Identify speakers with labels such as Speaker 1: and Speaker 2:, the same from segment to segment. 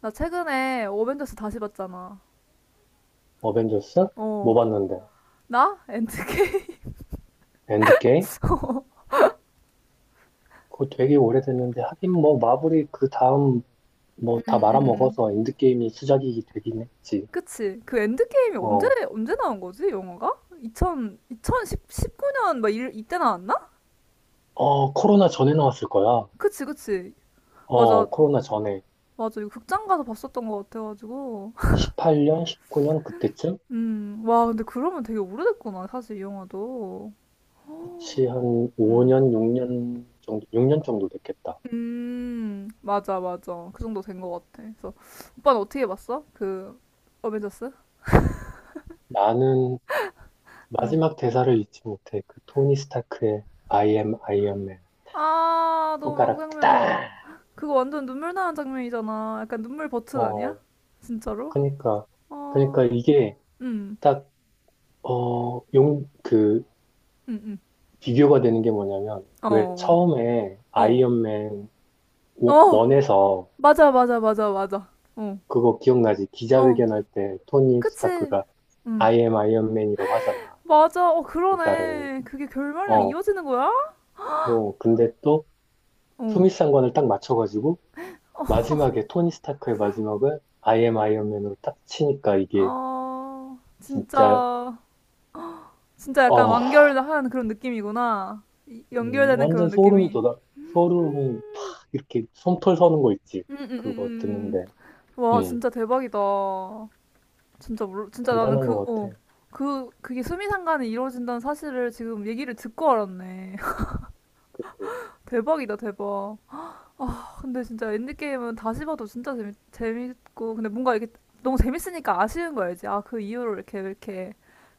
Speaker 1: 나 최근에 어벤져스 다시 봤잖아.
Speaker 2: 어벤져스?
Speaker 1: 어,
Speaker 2: 뭐 봤는데?
Speaker 1: 나? 엔드게임?
Speaker 2: 엔드게임?
Speaker 1: 어,
Speaker 2: 그거 되게 오래됐는데 하긴 뭐 마블이 그 다음 뭐
Speaker 1: 음,
Speaker 2: 다
Speaker 1: 음.
Speaker 2: 말아먹어서 엔드게임이 수작이 되긴 했지.
Speaker 1: 그치. 그 엔드게임이 언제,
Speaker 2: 어,
Speaker 1: 언제 나온 거지, 영화가? 2 0 2019년 막 일, 이때 나왔나?
Speaker 2: 어, 코로나 전에 나왔을 거야.
Speaker 1: 그치, 그치. 맞아,
Speaker 2: 어, 코로나 전에.
Speaker 1: 맞아. 이거 극장 가서 봤었던 것 같아가지고.
Speaker 2: 18년, 19년 그때쯤?
Speaker 1: 와, 근데 그러면 되게 오래됐구나, 사실 이 영화도.
Speaker 2: 그치, 한
Speaker 1: 음.
Speaker 2: 5년, 6년 정도, 6년 정도 됐겠다.
Speaker 1: 맞아, 맞아. 그 정도 된 것 같아. 그래서, 오빠는 어떻게 봤어? 그, 어벤져스?
Speaker 2: 나는
Speaker 1: 응.
Speaker 2: 마지막 대사를 잊지 못해. 그 토니 스타크의 I am Iron Man.
Speaker 1: 아, 너무
Speaker 2: 손가락
Speaker 1: 명장면.
Speaker 2: 딱!
Speaker 1: 그거 완전 눈물 나는 장면이잖아. 약간 눈물 버튼 아니야?
Speaker 2: 어,
Speaker 1: 진짜로?
Speaker 2: 그니까,
Speaker 1: 어,
Speaker 2: 그니까 이게
Speaker 1: 음,
Speaker 2: 딱 어, 용, 그,
Speaker 1: 음,
Speaker 2: 비교가 되는 게 뭐냐면, 왜
Speaker 1: 어,
Speaker 2: 처음에
Speaker 1: 어,
Speaker 2: 아이언맨
Speaker 1: 어,
Speaker 2: 원- 에서
Speaker 1: 맞아, 맞아, 맞아, 맞아. 어,
Speaker 2: 그거 기억나지?
Speaker 1: 어,
Speaker 2: 기자회견할 때 토니
Speaker 1: 그치.
Speaker 2: 스타크가
Speaker 1: 음,
Speaker 2: I am 아이언맨이라고 하잖아.
Speaker 1: 맞아. 어,
Speaker 2: 대사를.
Speaker 1: 그러네. 그게 결말이랑
Speaker 2: 어,
Speaker 1: 이어지는 거야?
Speaker 2: 뭐, 근데 또
Speaker 1: 어,
Speaker 2: 수미상관을 딱 맞춰가지고 마지막에 토니 스타크의 마지막을 I am 아이언맨으로 딱 치니까 이게
Speaker 1: 어,
Speaker 2: 진짜,
Speaker 1: 진짜, 진짜 약간
Speaker 2: 어,
Speaker 1: 완결한 그런 느낌이구나. 연결되는
Speaker 2: 완전
Speaker 1: 그런
Speaker 2: 소름이
Speaker 1: 느낌이.
Speaker 2: 돋아, 소름이 팍 이렇게 솜털 서는 거 있지. 그거 듣는데.
Speaker 1: 음. 와,
Speaker 2: 음.
Speaker 1: 진짜 대박이다. 진짜 몰라. 진짜 나는
Speaker 2: 대단한 것
Speaker 1: 그, 어.
Speaker 2: 같아.
Speaker 1: 그게 수미상관이 이루어진다는 사실을 지금 얘기를 듣고 알았네.
Speaker 2: 그치.
Speaker 1: 대박이다, 대박. 아, 근데 진짜 엔드게임은 다시 봐도 진짜 재밌고, 근데 뭔가 이게 너무 재밌으니까 아쉬운 거 알지? 아, 그 이후로 이렇게,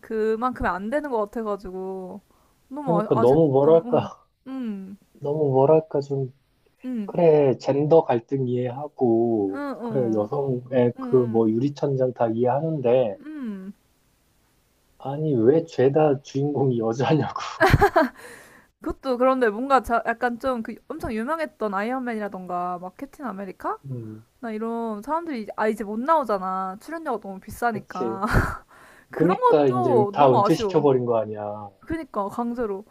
Speaker 1: 그만큼 안 되는 것 같아가지고. 너무 아,
Speaker 2: 그러니까 너무
Speaker 1: 아쉽다. 응,
Speaker 2: 뭐랄까,
Speaker 1: 응,
Speaker 2: 너무 뭐랄까 좀,
Speaker 1: 응,
Speaker 2: 그래, 젠더 갈등
Speaker 1: 응,
Speaker 2: 이해하고, 그래,
Speaker 1: 응,
Speaker 2: 여성의 그 뭐
Speaker 1: 응,
Speaker 2: 유리천장 다 이해하는데,
Speaker 1: 응.
Speaker 2: 아니, 왜 죄다 주인공이 여자냐고.
Speaker 1: 그것도 그런데 뭔가 약간 좀 그 엄청 유명했던 아이언맨이라던가 막 캡틴 아메리카?
Speaker 2: 음,
Speaker 1: 나 이런 사람들이 이제 못 나오잖아. 출연료가 너무
Speaker 2: 그치.
Speaker 1: 비싸니까. 그런
Speaker 2: 그니까 이제
Speaker 1: 것도
Speaker 2: 다
Speaker 1: 너무 아쉬워.
Speaker 2: 은퇴시켜버린 거 아니야.
Speaker 1: 그니까 강제로.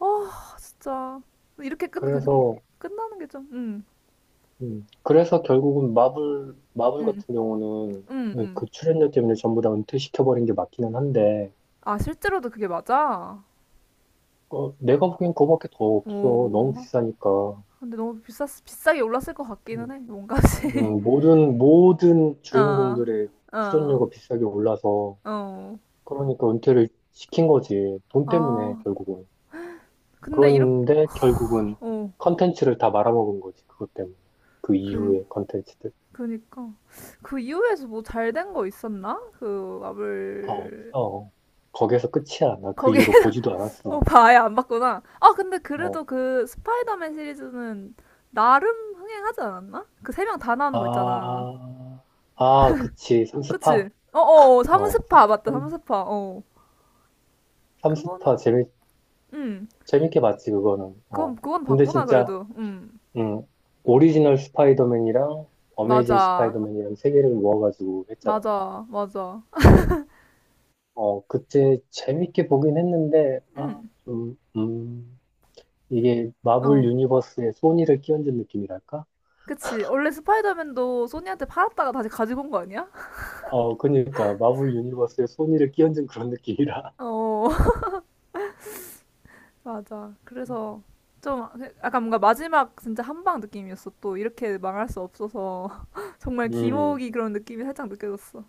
Speaker 1: 아 진짜 이렇게 끝
Speaker 2: 그래서,
Speaker 1: 끝나는 게 좀. 응,
Speaker 2: 그래서 결국은 마블
Speaker 1: 응,
Speaker 2: 같은 경우는
Speaker 1: 응, 응.
Speaker 2: 그 출연료 때문에 전부 다 은퇴시켜버린 게 맞기는 한데,
Speaker 1: 아 실제로도 그게 맞아.
Speaker 2: 내가 보기엔 그거밖에 더 없어. 너무
Speaker 1: 오.
Speaker 2: 비싸니까.
Speaker 1: 근데 너무 비쌌 비싸게 올랐을 것 같기는
Speaker 2: 음.
Speaker 1: 해. 뭔가지.
Speaker 2: 모든
Speaker 1: 어,
Speaker 2: 주인공들의
Speaker 1: 어,
Speaker 2: 출연료가 비싸게 올라서,
Speaker 1: 어.
Speaker 2: 그러니까 은퇴를 시킨 거지. 돈
Speaker 1: 아
Speaker 2: 때문에, 결국은.
Speaker 1: 근데 이렇게
Speaker 2: 그런데 결국은
Speaker 1: 어
Speaker 2: 컨텐츠를 다 말아먹은 거지. 그것 때문에. 그
Speaker 1: 그.
Speaker 2: 이후의 컨텐츠들.
Speaker 1: 그니까 그 이후에서 뭐 잘 된 거 있었나? 그
Speaker 2: 아,
Speaker 1: 마블
Speaker 2: 없어. 거기에서 끝이야. 나 그
Speaker 1: 거기
Speaker 2: 이후로 보지도 않았어.
Speaker 1: 오빠 아예 안 봤구나. 아 근데
Speaker 2: 어.
Speaker 1: 그래도 그 스파이더맨 시리즈는 나름 흥행하지 않았나? 그 세 명 다 나오는 거 있잖아.
Speaker 2: 아, 아, 그치. 삼스파.
Speaker 1: 그치? 어어
Speaker 2: 어,
Speaker 1: 삼스파 맞다 삼스파. 어
Speaker 2: 삼스파.
Speaker 1: 그거는 음
Speaker 2: 재밌게 봤지, 그거는.
Speaker 1: 그건
Speaker 2: 어.
Speaker 1: 그건
Speaker 2: 근데
Speaker 1: 봤구나
Speaker 2: 진짜,
Speaker 1: 그래도
Speaker 2: 음, 오리지널 스파이더맨이랑 어메이징
Speaker 1: 맞아
Speaker 2: 스파이더맨이랑 세 개를 모아가지고 했잖아.
Speaker 1: 맞아 맞아
Speaker 2: 근데 그때 재밌게 보긴 했는데 아 좀 이게 마블
Speaker 1: 음어
Speaker 2: 유니버스에 소니를 끼얹은 느낌이랄까?
Speaker 1: 그치 원래 스파이더맨도 소니한테 팔았다가 다시 가지고 온 거 아니야?
Speaker 2: 어 그러니까 마블 유니버스에 소니를 끼얹은 그런 느낌이라.
Speaker 1: 어 맞아. 그래서 좀 약간 뭔가 마지막 진짜 한방 느낌이었어. 또 이렇게 망할 수 없어서 정말
Speaker 2: 음
Speaker 1: 기모기 그런 느낌이 살짝 느껴졌어.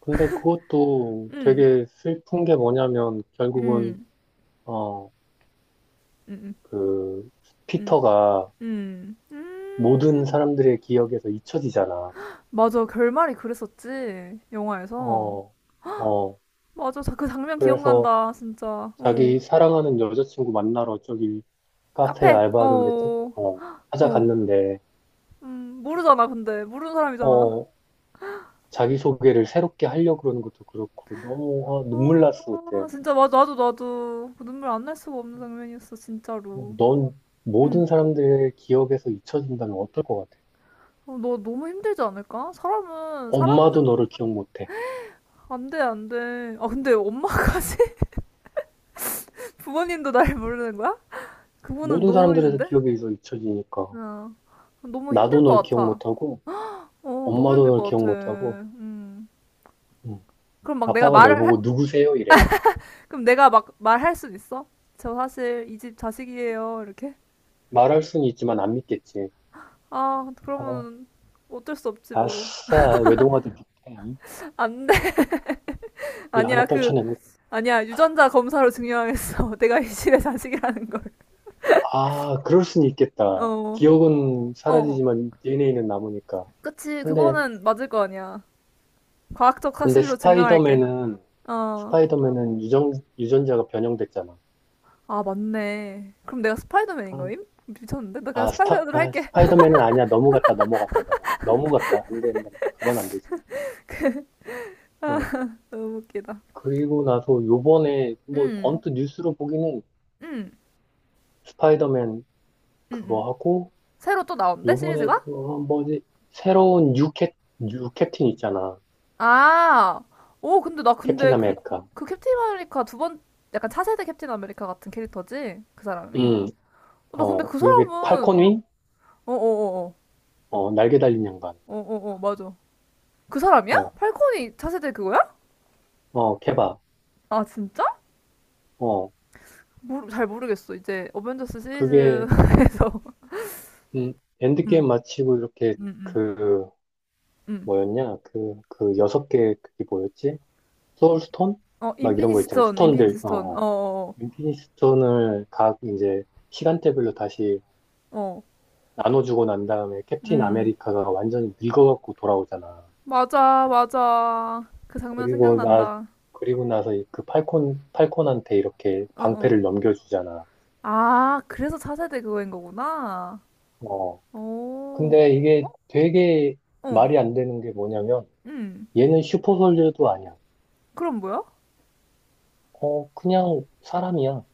Speaker 2: 근데 그것도
Speaker 1: 음,
Speaker 2: 되게 슬픈 게 뭐냐면 결국은
Speaker 1: 음,
Speaker 2: 어
Speaker 1: 음,
Speaker 2: 그
Speaker 1: 음,
Speaker 2: 피터가
Speaker 1: 음,
Speaker 2: 모든
Speaker 1: 음.
Speaker 2: 사람들의 기억에서 잊혀지잖아.
Speaker 1: 맞아. 결말이 그랬었지. 영화에서.
Speaker 2: 어 어.
Speaker 1: 맞아. 그 장면
Speaker 2: 그래서
Speaker 1: 기억난다. 진짜. 어.
Speaker 2: 자기 사랑하는 여자친구 만나러 저기 카페
Speaker 1: 카페.
Speaker 2: 알바하는데
Speaker 1: 어.
Speaker 2: 어,
Speaker 1: 어.
Speaker 2: 찾아갔는데
Speaker 1: 모르잖아. 근데 모르는 사람이잖아.
Speaker 2: 어, 자기소개를 새롭게 하려고 그러는 것도 그렇고 너무 아, 눈물
Speaker 1: 어,
Speaker 2: 났어 그때.
Speaker 1: 진짜 맞아. 나도 그 눈물 안 날 수가 없는 장면이었어. 진짜로.
Speaker 2: 넌
Speaker 1: 음.
Speaker 2: 모든 사람들의 기억에서 잊혀진다면 어떨 것 같아?
Speaker 1: 어, 너 너무 힘들지 않을까? 사람은
Speaker 2: 엄마도
Speaker 1: 사람
Speaker 2: 너를 기억 못해.
Speaker 1: 안 돼, 안 돼. 아 근데 엄마까지 부모님도 날 모르는 거야? 그분은
Speaker 2: 모든
Speaker 1: 너무
Speaker 2: 사람들에서
Speaker 1: 힘든데?
Speaker 2: 기억에서 잊혀지니까
Speaker 1: 야, 너무 힘들
Speaker 2: 나도
Speaker 1: 것
Speaker 2: 널 기억
Speaker 1: 같아.
Speaker 2: 못하고
Speaker 1: 어, 너무
Speaker 2: 엄마도
Speaker 1: 힘들
Speaker 2: 널
Speaker 1: 것
Speaker 2: 기억
Speaker 1: 같아.
Speaker 2: 못하고
Speaker 1: 음.
Speaker 2: 음,
Speaker 1: 그럼 막 내가
Speaker 2: 아빠가 널
Speaker 1: 말을 할,
Speaker 2: 보고 누구세요? 이래.
Speaker 1: 그럼 내가 막 말할 순 있어? 저 사실 이 집 자식이에요. 이렇게?
Speaker 2: 말할 수는 있지만 안 믿겠지.
Speaker 1: 아,
Speaker 2: 아,
Speaker 1: 그러면 어쩔 수 없지 뭐.
Speaker 2: 아싸, 외동아들 같아.
Speaker 1: 안 돼.
Speaker 2: 예, 하나
Speaker 1: 아니야, 그
Speaker 2: 떨쳐내면.
Speaker 1: 아니야. 유전자 검사로 증명하겠어. 내가 이 집의 자식이라는 걸.
Speaker 2: 아, 그럴 수는 있겠다.
Speaker 1: 어.
Speaker 2: 기억은
Speaker 1: 어, 어.
Speaker 2: 사라지지만 DNA는 남으니까.
Speaker 1: 그치,
Speaker 2: 근데,
Speaker 1: 그거는 맞을 거 아니야. 과학적
Speaker 2: 근데
Speaker 1: 사실로 증명할게.
Speaker 2: 스파이더맨은,
Speaker 1: 어.
Speaker 2: 스파이더맨은 유전자가 변형됐잖아.
Speaker 1: 아, 맞네. 그럼 내가 스파이더맨인
Speaker 2: 아,
Speaker 1: 거임? 미쳤는데? 나 그냥 스파이더맨으로 할게.
Speaker 2: 스파이더맨은 아니야. 넘어갔다, 넘어갔다, 넘어. 넘어갔다. 안 된다. 그건 안 되지. 어.
Speaker 1: 너무 웃기다.
Speaker 2: 그리고 나서 요번에, 뭐,
Speaker 1: 음,
Speaker 2: 언뜻 뉴스로 보기는
Speaker 1: 음,
Speaker 2: 스파이더맨
Speaker 1: 음, 음.
Speaker 2: 그거 하고,
Speaker 1: 새로 또 나온대?
Speaker 2: 요번에
Speaker 1: 시리즈가?
Speaker 2: 그거 뭐지, 새로운 뉴 캡틴 있잖아.
Speaker 1: 아, 오, 근데 나
Speaker 2: 캡틴
Speaker 1: 근데 그,
Speaker 2: 아메리카.
Speaker 1: 그 캡틴 아메리카 두 번, 약간 차세대 캡틴 아메리카 같은 캐릭터지? 그 사람이?
Speaker 2: 음.
Speaker 1: 어, 나 근데
Speaker 2: 어,
Speaker 1: 그
Speaker 2: 미국의
Speaker 1: 사람은,
Speaker 2: 팔콘윙?
Speaker 1: 어어어어,
Speaker 2: 어, 날개 달린 양반.
Speaker 1: 어어어, 맞아. 그 사람이야?
Speaker 2: 어,
Speaker 1: 팔콘이 차세대 그거야?
Speaker 2: 어, 케밥.
Speaker 1: 아, 진짜?
Speaker 2: 어,
Speaker 1: 잘 모르겠어. 이제 어벤져스
Speaker 2: 그게,
Speaker 1: 시리즈에서
Speaker 2: 음, 엔드게임
Speaker 1: 음,
Speaker 2: 마치고 이렇게
Speaker 1: 음, 음.
Speaker 2: 그,
Speaker 1: 음.
Speaker 2: 뭐였냐? 그 여섯 개, 그게 뭐였지? 소울스톤?
Speaker 1: 어
Speaker 2: 막 이런
Speaker 1: 인피니티
Speaker 2: 거 있잖아.
Speaker 1: 스톤, 인피니티
Speaker 2: 스톤들, 어,
Speaker 1: 스톤.
Speaker 2: 어.
Speaker 1: 어, 어,
Speaker 2: 인피니티 스톤을 각 이제 시간대별로 다시
Speaker 1: 어, 어.
Speaker 2: 나눠주고 난 다음에 캡틴
Speaker 1: 음,
Speaker 2: 아메리카가 완전히 늙어갖고 돌아오잖아.
Speaker 1: 맞아, 맞아. 그 장면
Speaker 2: 그리고 나,
Speaker 1: 생각난다.
Speaker 2: 그리고 나서 이그 팔콘한테 이렇게
Speaker 1: 어, 어.
Speaker 2: 방패를 넘겨주잖아.
Speaker 1: 아, 그래서 차세대 그거인 거구나.
Speaker 2: 어,
Speaker 1: 오,
Speaker 2: 근데 이게 되게
Speaker 1: 어,
Speaker 2: 말이 안 되는 게 뭐냐면
Speaker 1: 음.
Speaker 2: 얘는 슈퍼솔저도 아니야.
Speaker 1: 그럼 뭐야?
Speaker 2: 어, 그냥 사람이야.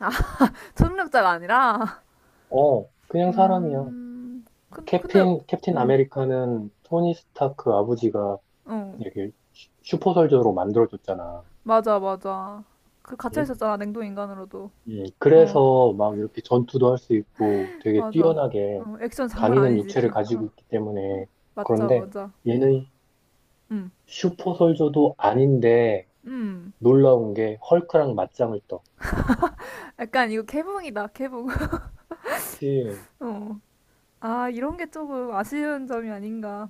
Speaker 1: 아, 초능력자가 아니라.
Speaker 2: 어, 그냥 사람이야.
Speaker 1: 음, 근데,
Speaker 2: 캡틴
Speaker 1: 음,
Speaker 2: 아메리카는 토니 스타크 아버지가
Speaker 1: 어,
Speaker 2: 이렇게 슈퍼솔저로 만들어줬잖아.
Speaker 1: 맞아, 맞아. 그 갇혀
Speaker 2: 응?
Speaker 1: 있었잖아, 냉동 인간으로도. 어.
Speaker 2: 그래서 막 이렇게 전투도 할 수 있고 되게
Speaker 1: 맞아.
Speaker 2: 뛰어나게
Speaker 1: 어, 액션 장난
Speaker 2: 강인한
Speaker 1: 아니지.
Speaker 2: 육체를
Speaker 1: 어,
Speaker 2: 가지고 있기 때문에
Speaker 1: 맞아,
Speaker 2: 그런데
Speaker 1: 맞아.
Speaker 2: 얘는
Speaker 1: 음,
Speaker 2: 슈퍼솔저도 아닌데
Speaker 1: 음.
Speaker 2: 놀라운 게 헐크랑 맞짱을 떠.
Speaker 1: 약간 이거 개봉이다, 개봉.
Speaker 2: 그치.
Speaker 1: 어. 아, 이런 게 조금 아쉬운 점이 아닌가.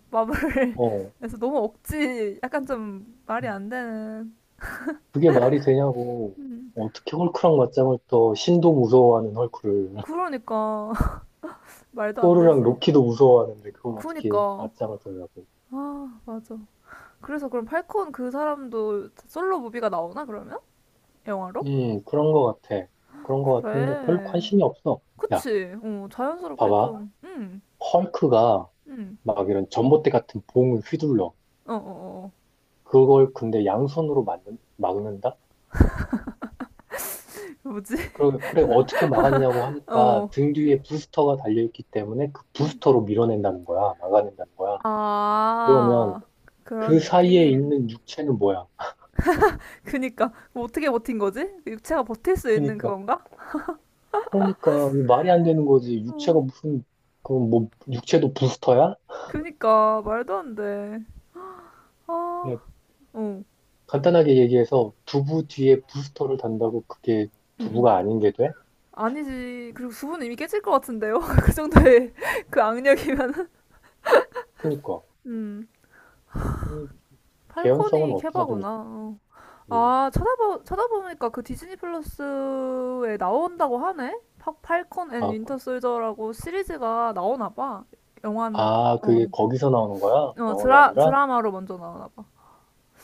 Speaker 2: 어,
Speaker 1: 마블에서 너무 억지, 약간 좀 말이 안 되는.
Speaker 2: 그게 말이 되냐고.
Speaker 1: 음.
Speaker 2: 어떻게 헐크랑 맞짱을 떠 신도 무서워하는 헐크를.
Speaker 1: 그러니까 말도 안
Speaker 2: 토르랑
Speaker 1: 되지.
Speaker 2: 로키도 무서워하는데 그걸 어떻게
Speaker 1: 그러니까.
Speaker 2: 맞짱을 떠냐고.
Speaker 1: 아, 맞아. 그래서 그럼 팔콘 그 사람도 솔로 무비가 나오나 그러면? 영화로?
Speaker 2: 그런 거 같아. 그런 거 같은데 별
Speaker 1: 그래.
Speaker 2: 관심이 없어. 야,
Speaker 1: 그치. 어, 자연스럽게
Speaker 2: 봐봐.
Speaker 1: 좀.
Speaker 2: 헐크가
Speaker 1: 음.
Speaker 2: 막 이런 전봇대 같은 봉을 휘둘러.
Speaker 1: 어어어.
Speaker 2: 그걸 근데 양손으로 막는다?
Speaker 1: 뭐지?
Speaker 2: 그래, 그래, 어떻게 막았냐고 하니까
Speaker 1: 어.
Speaker 2: 등 뒤에 부스터가 달려있기 때문에 그 부스터로 밀어낸다는 거야. 막아낸다는 거야. 그러면
Speaker 1: 아,
Speaker 2: 그
Speaker 1: 그런
Speaker 2: 사이에
Speaker 1: 느낌?
Speaker 2: 있는 육체는 뭐야?
Speaker 1: 그니까, 어떻게 버틴 거지? 육체가 버틸 수 있는
Speaker 2: 그러니까,
Speaker 1: 그건가?
Speaker 2: 그러니까 이게 말이 안 되는 거지. 육체가
Speaker 1: 어.
Speaker 2: 무슨 그 뭐 육체도 부스터야?
Speaker 1: 그니까, 말도 안 돼. 아,
Speaker 2: 그냥
Speaker 1: 어. 응,
Speaker 2: 간단하게 얘기해서 두부 뒤에 부스터를 단다고 그게
Speaker 1: 응.
Speaker 2: 두부가 아닌 게 돼?
Speaker 1: 아니지. 그리고 수분 이미 깨질 것 같은데요? 그 정도의 그 악력이면은.
Speaker 2: 그러니까
Speaker 1: 음.
Speaker 2: 이 개연성은
Speaker 1: 팔콘이
Speaker 2: 어디다 둔?
Speaker 1: 케바구나. 어.
Speaker 2: 음.
Speaker 1: 아, 찾아보니까 그 디즈니 플러스에 나온다고 하네? 팔콘 앤
Speaker 2: 아, 그,
Speaker 1: 윈터 솔저라고 시리즈가 나오나 봐. 영화는,
Speaker 2: 그게
Speaker 1: 어.
Speaker 2: 거기서 나오는 거야?
Speaker 1: 어,
Speaker 2: 영화가 아니라?
Speaker 1: 드라마로 먼저 나오나 봐.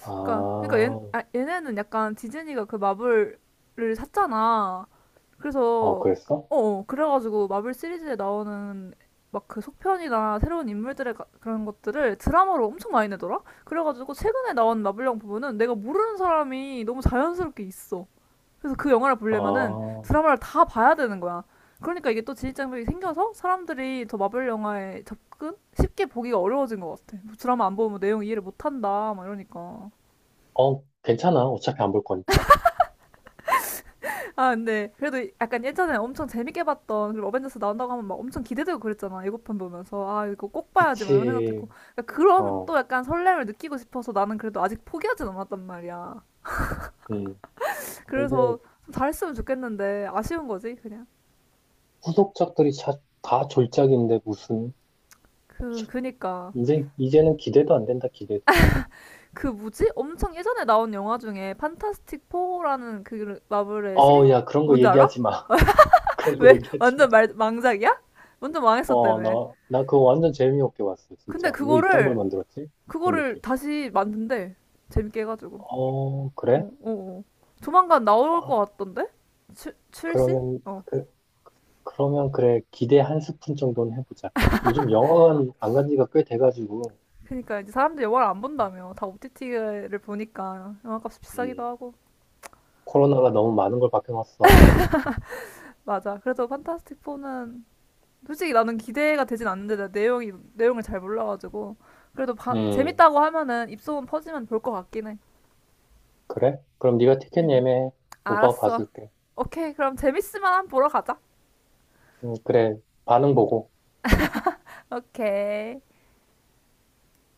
Speaker 2: 아,
Speaker 1: 그러니까
Speaker 2: 어,
Speaker 1: 얘네는 약간 디즈니가 그 마블을 샀잖아. 그래서,
Speaker 2: 그랬어?
Speaker 1: 어, 어, 그래가지고 마블 시리즈에 나오는 막 그 속편이나 새로운 인물들의 그런 것들을 드라마로 엄청 많이 내더라? 그래가지고 최근에 나온 마블영 부분은 내가 모르는 사람이 너무 자연스럽게 있어. 그래서 그 영화를
Speaker 2: 아,
Speaker 1: 보려면은
Speaker 2: 어,
Speaker 1: 드라마를 다 봐야 되는 거야. 그러니까 이게 또 진입장벽이 생겨서 사람들이 더 마블 영화에 접근 쉽게 보기가 어려워진 것 같아. 뭐 드라마 안 보면 뭐 내용 이해를 못 한다 막 이러니까.
Speaker 2: 괜찮아. 어차피 안 볼 거니까.
Speaker 1: 아 근데 그래도 약간 예전에 엄청 재밌게 봤던 그리고 어벤져스 나온다고 하면 막 엄청 기대되고 그랬잖아. 예고편 보면서 아 이거 꼭 봐야지 막 이런 생각도 있고
Speaker 2: 그치.
Speaker 1: 그러니까 그런
Speaker 2: 어,
Speaker 1: 또 약간 설렘을 느끼고 싶어서 나는 그래도 아직 포기하진 않았단 말이야.
Speaker 2: 음. 근데
Speaker 1: 그래서 좀 잘했으면 좋겠는데 아쉬운 거지 그냥.
Speaker 2: 후속작들이 다 졸작인데 무슨
Speaker 1: 그니까
Speaker 2: 이제는 기대도 안 된다 기대도.
Speaker 1: 그 뭐지? 엄청 예전에 나온 영화 중에 판타스틱 4라는 그 마블의 시리
Speaker 2: 어, 야 그런 거
Speaker 1: 뭔지 알아?
Speaker 2: 얘기하지 마. 그런 거
Speaker 1: 왜
Speaker 2: 얘기하지 마.
Speaker 1: 완전 망작이야? 완전
Speaker 2: 어,
Speaker 1: 망했었다며.
Speaker 2: 나 그거 완전 재미없게 봤어
Speaker 1: 근데
Speaker 2: 진짜. 왜 이딴 걸
Speaker 1: 그거를
Speaker 2: 만들었지? 그런
Speaker 1: 그거를
Speaker 2: 느낌.
Speaker 1: 다시 만든대. 재밌게 해가지고.
Speaker 2: 어, 그래?
Speaker 1: 어, 어, 어. 조만간 나올 것
Speaker 2: 아,
Speaker 1: 같던데? 출시?
Speaker 2: 그러면
Speaker 1: 어.
Speaker 2: 그 그러면 그래 기대 한 스푼 정도는 해보자. 요즘 영화관 안 간 지가 꽤 돼가지고
Speaker 1: 그러니까 이제 사람들이 영화를 안 본다며. 다 OTT를 보니까 영화값이 비싸기도
Speaker 2: 음,
Speaker 1: 하고.
Speaker 2: 코로나가 너무 많은 걸 바뀌었어.
Speaker 1: 맞아. 그래서 판타스틱 4는 솔직히 나는 기대가 되진 않는데 나 내용이 내용을 잘 몰라가지고 그래도
Speaker 2: 음,
Speaker 1: 재밌다고 하면은 입소문 퍼지면 볼 것 같긴 해.
Speaker 2: 그래? 그럼 네가 티켓 예매해. 오빠가
Speaker 1: 알았어.
Speaker 2: 봐줄게.
Speaker 1: 오케이 그럼 재밌으면 한번 보러 가자.
Speaker 2: 그래. 반응 보고.
Speaker 1: 오케이.